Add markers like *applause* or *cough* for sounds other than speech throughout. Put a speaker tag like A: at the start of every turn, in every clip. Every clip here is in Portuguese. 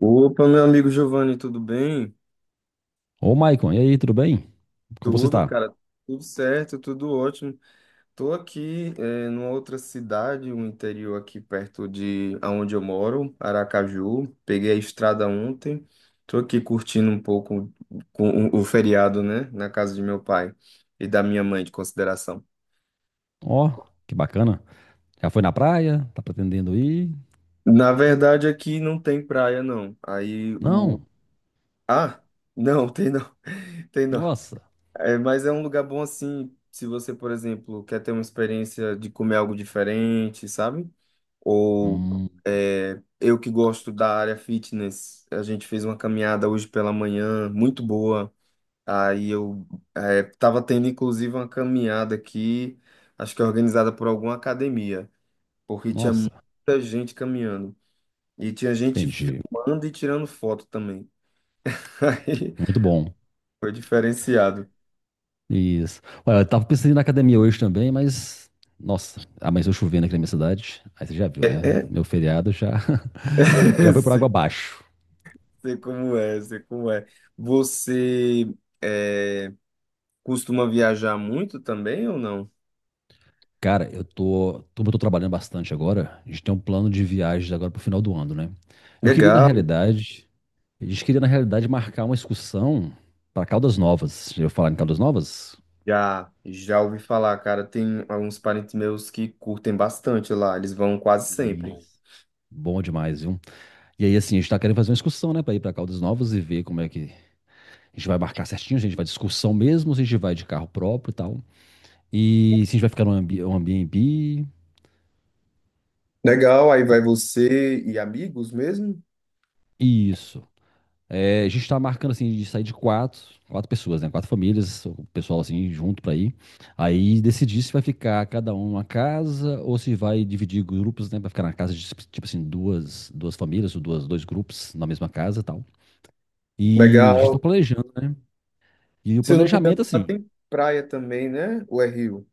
A: Opa, meu amigo Giovanni, tudo bem?
B: Ô, Maicon, e aí, tudo bem? Como você
A: Tudo,
B: está?
A: cara, tudo certo, tudo ótimo. Tô aqui, numa outra cidade, um interior aqui perto de aonde eu moro, Aracaju. Peguei a estrada ontem. Tô aqui curtindo um pouco com o feriado, né, na casa de meu pai e da minha mãe, de consideração.
B: Ó, que bacana. Já foi na praia? Tá pretendendo ir?
A: Na verdade, aqui não tem praia, não. Aí o.
B: Não.
A: Ah, não, tem não. *laughs* Tem não.
B: Nossa.
A: É, mas é um lugar bom assim, se você, por exemplo, quer ter uma experiência de comer algo diferente, sabe? Ou
B: Hum,
A: eu que gosto da área fitness, a gente fez uma caminhada hoje pela manhã, muito boa. Aí eu Tava tendo inclusive uma caminhada aqui, acho que é organizada por alguma academia, porque tinha
B: nossa.
A: muita gente caminhando. E tinha gente
B: Entendi.
A: filmando e tirando foto também. *laughs* Aí
B: Muito bom.
A: foi diferenciado.
B: Isso. Olha, eu tava pensando em ir na academia hoje também, mas. Nossa, amanheceu chovendo aqui na minha cidade. Aí você já viu, né? Meu
A: *clears throat*
B: feriado já, *laughs* já foi por água
A: *laughs*
B: abaixo.
A: Sei como é, sei como é. Você é, Costuma viajar muito também ou não?
B: Cara, eu tô, como eu tô trabalhando bastante agora, a gente tem um plano de viagens agora pro final do ano, né? Eu queria, na
A: Legal.
B: realidade, gente queria, na realidade, marcar uma excursão para Caldas Novas. Já ouviu falar em Caldas Novas?
A: Já, já ouvi falar, cara. Tem alguns parentes meus que curtem bastante lá. Eles vão quase sempre.
B: Isso. Bom demais, viu? E aí, assim, a gente tá querendo fazer uma excursão, né, para ir para Caldas Novas e ver como é que a gente vai marcar certinho, se a gente vai de excursão mesmo, se a gente vai de carro próprio e tal. E se a gente vai ficar no Airbnb.
A: Legal, aí vai você e amigos mesmo?
B: Isso. É, a gente tá marcando assim de sair de quatro pessoas, né? Quatro famílias, o pessoal assim junto pra ir. Aí decidir se vai ficar cada um numa casa ou se vai dividir grupos, né? Pra ficar na casa de tipo assim duas famílias ou duas, dois grupos na mesma casa, e tal. E a gente tá
A: Legal.
B: planejando, né? E o
A: Se eu não me engano,
B: planejamento
A: lá
B: assim,
A: tem praia também, né? Ou é rio?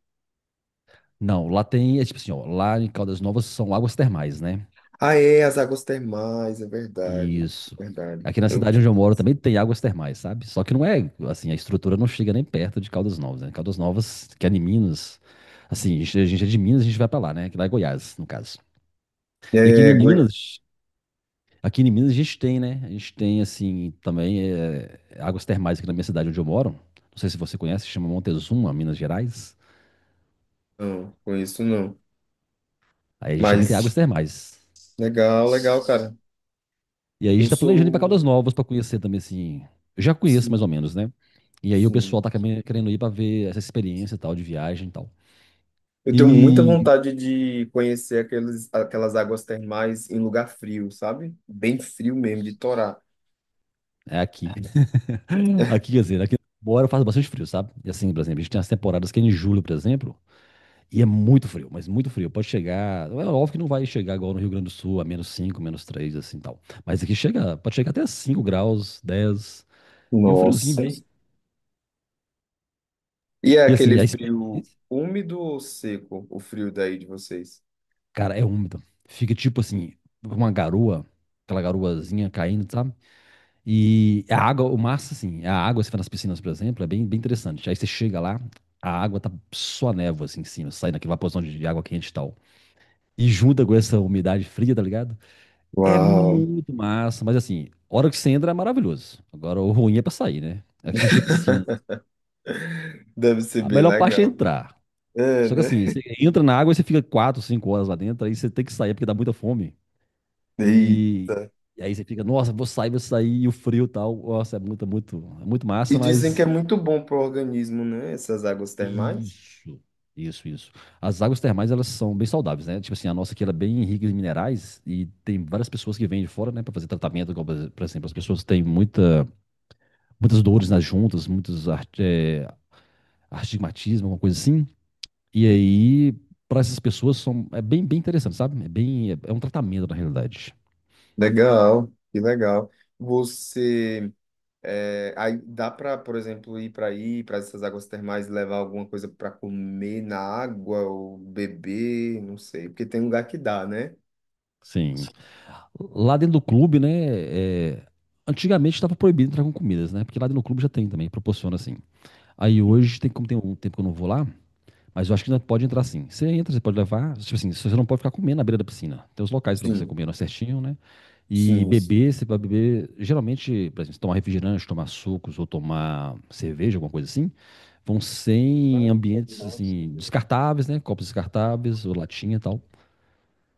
B: não, lá tem é tipo assim, ó, lá em Caldas Novas são águas termais, né?
A: Ah, é, as águas termais, é verdade.
B: Isso.
A: Verdade.
B: Aqui na
A: Eu
B: cidade
A: tinha
B: onde eu moro
A: esquecido.
B: também tem águas termais, sabe? Só que não é, assim, a estrutura não chega nem perto de Caldas Novas, né? Caldas Novas, que é em Minas, assim, a gente é de Minas, a gente vai pra lá, né? Que lá é Goiás, no caso. E
A: É, Goi-
B: Aqui em Minas a gente tem, né? A gente tem, assim, também é, águas termais aqui na minha cidade onde eu moro. Não sei se você conhece, chama Montezuma, Minas Gerais.
A: não, conheço não.
B: Aí a gente também tem águas
A: Mas
B: termais.
A: legal, legal, cara.
B: E aí a
A: Eu
B: gente tá planejando ir pra Caldas
A: sou.
B: Novas pra conhecer também, assim. Eu já conheço
A: Sim,
B: mais ou menos, né? E aí o pessoal
A: sim.
B: tá também querendo ir pra ver essa experiência e tal, de viagem e tal.
A: Eu tenho muita
B: E
A: vontade de conhecer aquelas águas termais em lugar frio, sabe? Bem frio mesmo, de torar.
B: é aqui. *laughs* Aqui, quer dizer, aqui embora faz bastante frio, sabe? E assim, por exemplo, a gente tem as temporadas que é em julho, por exemplo, e é muito frio, mas muito frio. Pode chegar. É óbvio que não vai chegar igual no Rio Grande do Sul, a menos 5 menos 3 assim tal. Mas aqui chega, pode chegar até 5 graus, 10. E o friozinho
A: Nossa.
B: bem.
A: E é
B: E
A: aquele
B: assim, a experiência.
A: frio úmido ou seco, o frio daí de vocês?
B: Cara, é úmido. Fica tipo assim, uma garoa, aquela garoazinha caindo, sabe? E a água, o massa, assim, a água, se for nas piscinas, por exemplo, é bem, bem interessante. Aí você chega lá, a água tá só névoa, assim, em cima, saindo aquela vaporzão de água quente e tal. E junta com essa umidade fria, tá ligado? É
A: Uau,
B: muito massa, mas assim, a hora que você entra é maravilhoso. Agora, o ruim é pra sair, né? Aqui a gente tem piscina.
A: deve ser
B: A
A: bem
B: melhor parte é
A: legal.
B: entrar.
A: É,
B: Só que
A: né?
B: assim, você entra na água e você fica 4, 5 horas lá dentro, aí você tem que sair porque dá muita fome. E,
A: Eita.
B: e aí você fica, nossa, vou sair, e o frio e tal. Nossa, é muito, muito, é muito
A: E
B: massa,
A: dizem que
B: mas.
A: é muito bom para o organismo, né? Essas águas termais.
B: Isso, isso, isso. As águas termais, elas são bem saudáveis, né? Tipo assim, a nossa aqui ela é bem rica em minerais e tem várias pessoas que vêm de fora, né, para fazer tratamento, igual, por exemplo, as pessoas têm muita, muitas dores nas juntas, muitos astigmatismo, alguma coisa assim. E aí, para essas pessoas, são, é bem, bem interessante, sabe? É bem, é um tratamento na realidade.
A: Legal, que legal. Você. É, aí dá para, por exemplo, ir para aí, para essas águas termais, levar alguma coisa para comer na água ou beber, não sei, porque tem lugar que dá, né?
B: Sim. Lá dentro do clube, né? É, antigamente estava proibido entrar com comidas, né? Porque lá dentro do clube já tem também, proporciona assim. Aí hoje, tem, como tem um tempo que eu não vou lá, mas eu acho que ainda pode entrar sim. Você entra, você pode levar. Tipo assim, você não pode ficar comendo na beira da piscina. Tem os locais para você
A: Sim,
B: comer não é certinho, né? E
A: sim, sim.
B: beber, você vai beber. Geralmente, por exemplo, se tomar refrigerante, tomar sucos ou tomar cerveja, alguma coisa assim, vão sem ambientes assim, descartáveis, né? Copos descartáveis ou latinha e tal.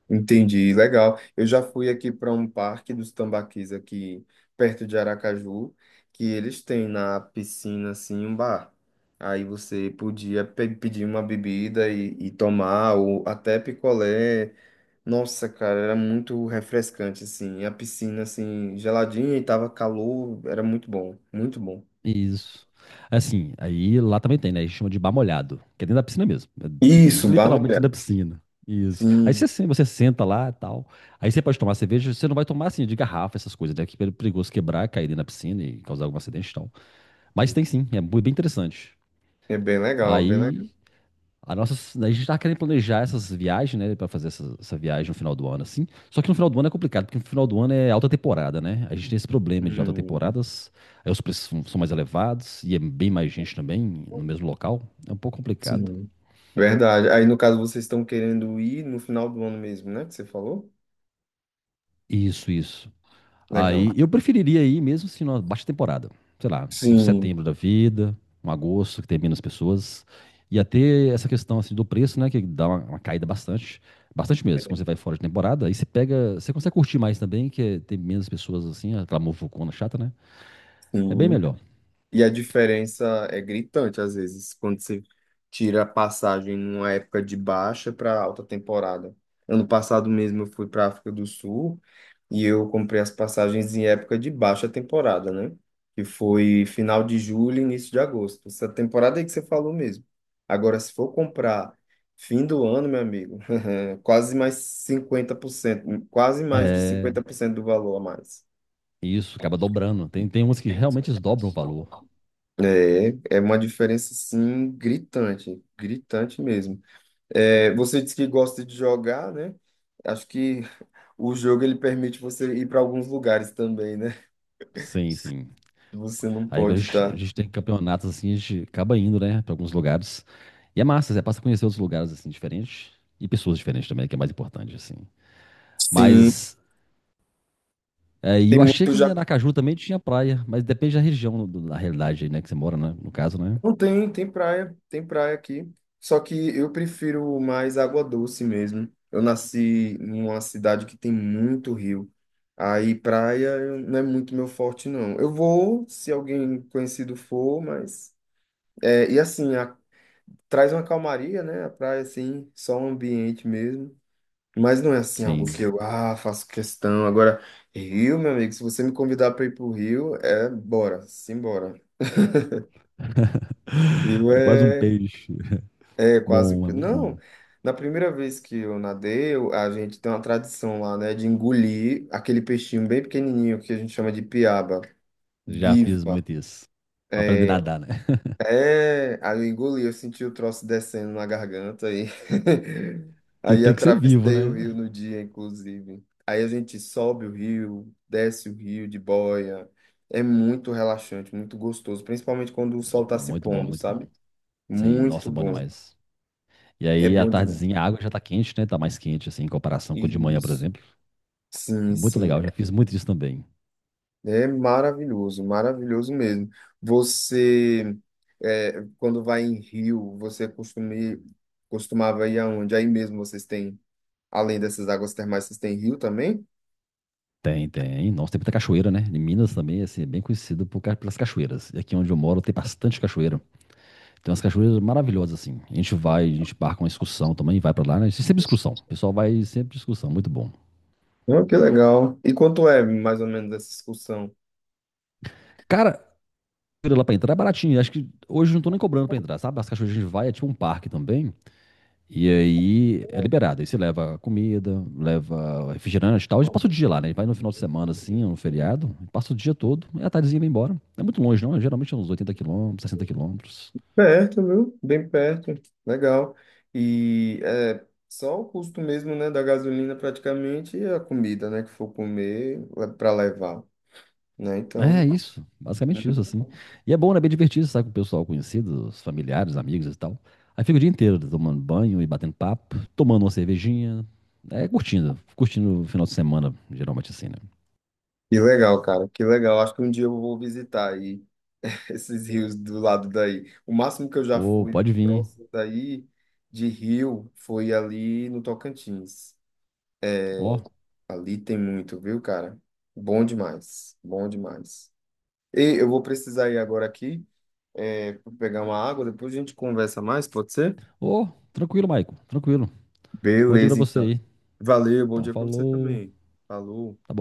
A: Entendi, legal. Eu já fui aqui para um parque dos tambaquis aqui perto de Aracaju, que eles têm na piscina assim um bar. Aí você podia pedir uma bebida e tomar, ou até picolé. Nossa, cara, era muito refrescante, assim. E a piscina, assim, geladinha e tava calor, era muito bom, muito bom.
B: Isso. Assim, aí lá também tem, né? A gente chama de bar molhado, que é dentro da piscina mesmo. É
A: Isso, barra
B: literalmente dentro da
A: molhada.
B: piscina. Isso. Aí você,
A: Sim,
B: você senta lá e tal. Aí você pode tomar cerveja, você não vai tomar assim de garrafa, essas coisas, né? Que é perigoso quebrar, cair dentro da piscina e causar algum acidente, então. Mas tem
A: isso.
B: sim, é bem interessante.
A: É bem legal, bem legal.
B: Aí a nossa, a gente tá querendo planejar essas viagens, né, pra fazer essa viagem no final do ano, assim. Só que no final do ano é complicado, porque no final do ano é alta temporada, né? A gente tem esse problema de alta
A: Hum,
B: temporadas, aí os preços são mais elevados e é bem mais gente também no mesmo local. É um pouco complicado.
A: sim. Verdade. Aí, no caso, vocês estão querendo ir no final do ano mesmo, né? Que você falou?
B: Isso, isso. Aí
A: Legal.
B: eu preferiria ir mesmo se numa baixa temporada. Sei lá, um
A: Sim,
B: setembro da vida, um agosto que tem menos pessoas. E até essa questão assim do preço, né? Que dá uma caída bastante. Bastante mesmo. Quando você vai fora de temporada, aí você pega. Você consegue curtir mais também, que tem menos pessoas assim, aquela muvucona chata, né? É bem
A: sim.
B: melhor.
A: E a diferença é gritante, às vezes, quando você tira a passagem numa época de baixa para alta temporada. Ano passado mesmo eu fui para a África do Sul e eu comprei as passagens em época de baixa temporada, né? Que foi final de julho, início de agosto. Essa temporada aí que você falou mesmo. Agora, se for comprar fim do ano, meu amigo, *laughs* quase mais 50% quase mais de
B: É,
A: 50% do valor a mais.
B: isso, acaba dobrando. Tem umas que realmente eles dobram o valor.
A: É, é uma diferença, sim, gritante, gritante mesmo. É, você disse que gosta de jogar, né? Acho que o jogo ele permite você ir para alguns lugares também, né?
B: Sim, sim.
A: Que você não
B: Aí quando a
A: pode
B: gente, a
A: estar.
B: gente tem campeonatos assim, a gente acaba indo, né, pra alguns lugares. E é massa, você passa a conhecer outros lugares assim diferentes e pessoas diferentes também, que é mais importante assim.
A: Sim,
B: Mas é, e
A: tem
B: eu achei
A: muito
B: que em
A: já.
B: Aracaju também tinha praia, mas depende da região, da realidade aí, né, que você mora, né, no caso, né?
A: Não tem, tem praia aqui. Só que eu prefiro mais água doce mesmo. Eu nasci numa cidade que tem muito rio. Aí praia não é muito meu forte, não. Eu vou, se alguém conhecido for, mas. É, e assim, a- Traz uma calmaria, né? A praia, assim, só um ambiente mesmo. Mas não é assim algo
B: Sim.
A: que eu faço questão. Agora, Rio, meu amigo, se você me convidar para ir pro Rio, é bora, simbora. Rio
B: *laughs* É quase um
A: é,
B: peixe.
A: É quase.
B: Bom, é muito bom.
A: Não, na primeira vez que eu nadei, a gente tem uma tradição lá, né, de engolir aquele peixinho bem pequenininho que a gente chama de piaba,
B: Já fiz
A: viva.
B: muito isso. Pra aprender
A: É,
B: a nadar, né? *laughs*
A: Aí eu engoli, eu senti o troço descendo na garganta aí. *laughs*
B: E
A: Aí
B: tem que ser vivo,
A: atravessei o
B: né?
A: rio no dia, inclusive. Aí a gente sobe o rio, desce o rio de boia. É muito relaxante, muito gostoso, principalmente quando o sol está se
B: Muito bom,
A: pondo,
B: muito
A: sabe?
B: bom. Sim, nossa,
A: Muito
B: é bom
A: bom.
B: demais. E
A: É
B: aí, à
A: bom demais.
B: tardezinha, a água já tá quente, né? Tá mais quente, assim, em comparação com de manhã, por
A: Isso.
B: exemplo.
A: Sim,
B: Muito
A: sim.
B: legal, já fiz muito disso também.
A: É maravilhoso, maravilhoso mesmo. Você, é, quando vai em rio, você costuma, ir- Costumava ir aonde? Aí mesmo vocês têm. Além dessas águas termais, vocês têm rio também?
B: Tem, tem. Nossa, tem muita cachoeira, né? Em Minas também, assim, é bem conhecido por, pelas cachoeiras. E aqui onde eu moro tem bastante cachoeira. Tem umas cachoeiras maravilhosas, assim. A gente vai, a gente marca uma excursão também, vai pra lá, né? Sempre excursão. O pessoal vai sempre excursão, muito bom.
A: Oh, que legal. E quanto é mais ou menos essa excursão?
B: Cara, cachoeira lá pra entrar é baratinho. Acho que hoje não tô nem cobrando pra entrar, sabe? As cachoeiras que a gente vai, é tipo um parque também. E aí é liberado. Aí você leva comida, leva refrigerante e tal. A gente passa o dia lá, né? Vai no final de semana, assim, no feriado, passa o dia todo, e a tardezinha vai embora. Não é muito longe, não. Geralmente é uns 80 km, 60 km.
A: Perto, viu? Bem perto. Legal. E é só o custo mesmo, né, da gasolina praticamente e a comida, né, que for comer para levar, né?
B: É
A: Então,
B: isso, basicamente isso, assim. E é bom, né? É bem divertido, sabe? Com o pessoal conhecido, os familiares, amigos e tal. Aí fica o dia inteiro tomando banho e batendo papo, tomando uma cervejinha. É, curtindo, curtindo o final de semana, geralmente assim, né?
A: que legal, cara. Que legal. Acho que um dia eu vou visitar aí *laughs* esses rios do lado daí. O máximo que eu já
B: Ô,
A: fui
B: pode vir.
A: próximo daí de rio foi ali no Tocantins.
B: Ó,
A: Ali tem muito, viu, cara? Bom demais, bom demais. E eu vou precisar ir agora aqui, pra pegar uma água, depois a gente conversa mais, pode ser?
B: ô, tranquilo, Maico, tranquilo. Bom dia pra
A: Beleza,
B: você
A: então.
B: aí.
A: Valeu, bom
B: Então,
A: dia pra você
B: falou.
A: também. Falou.
B: Tá bom.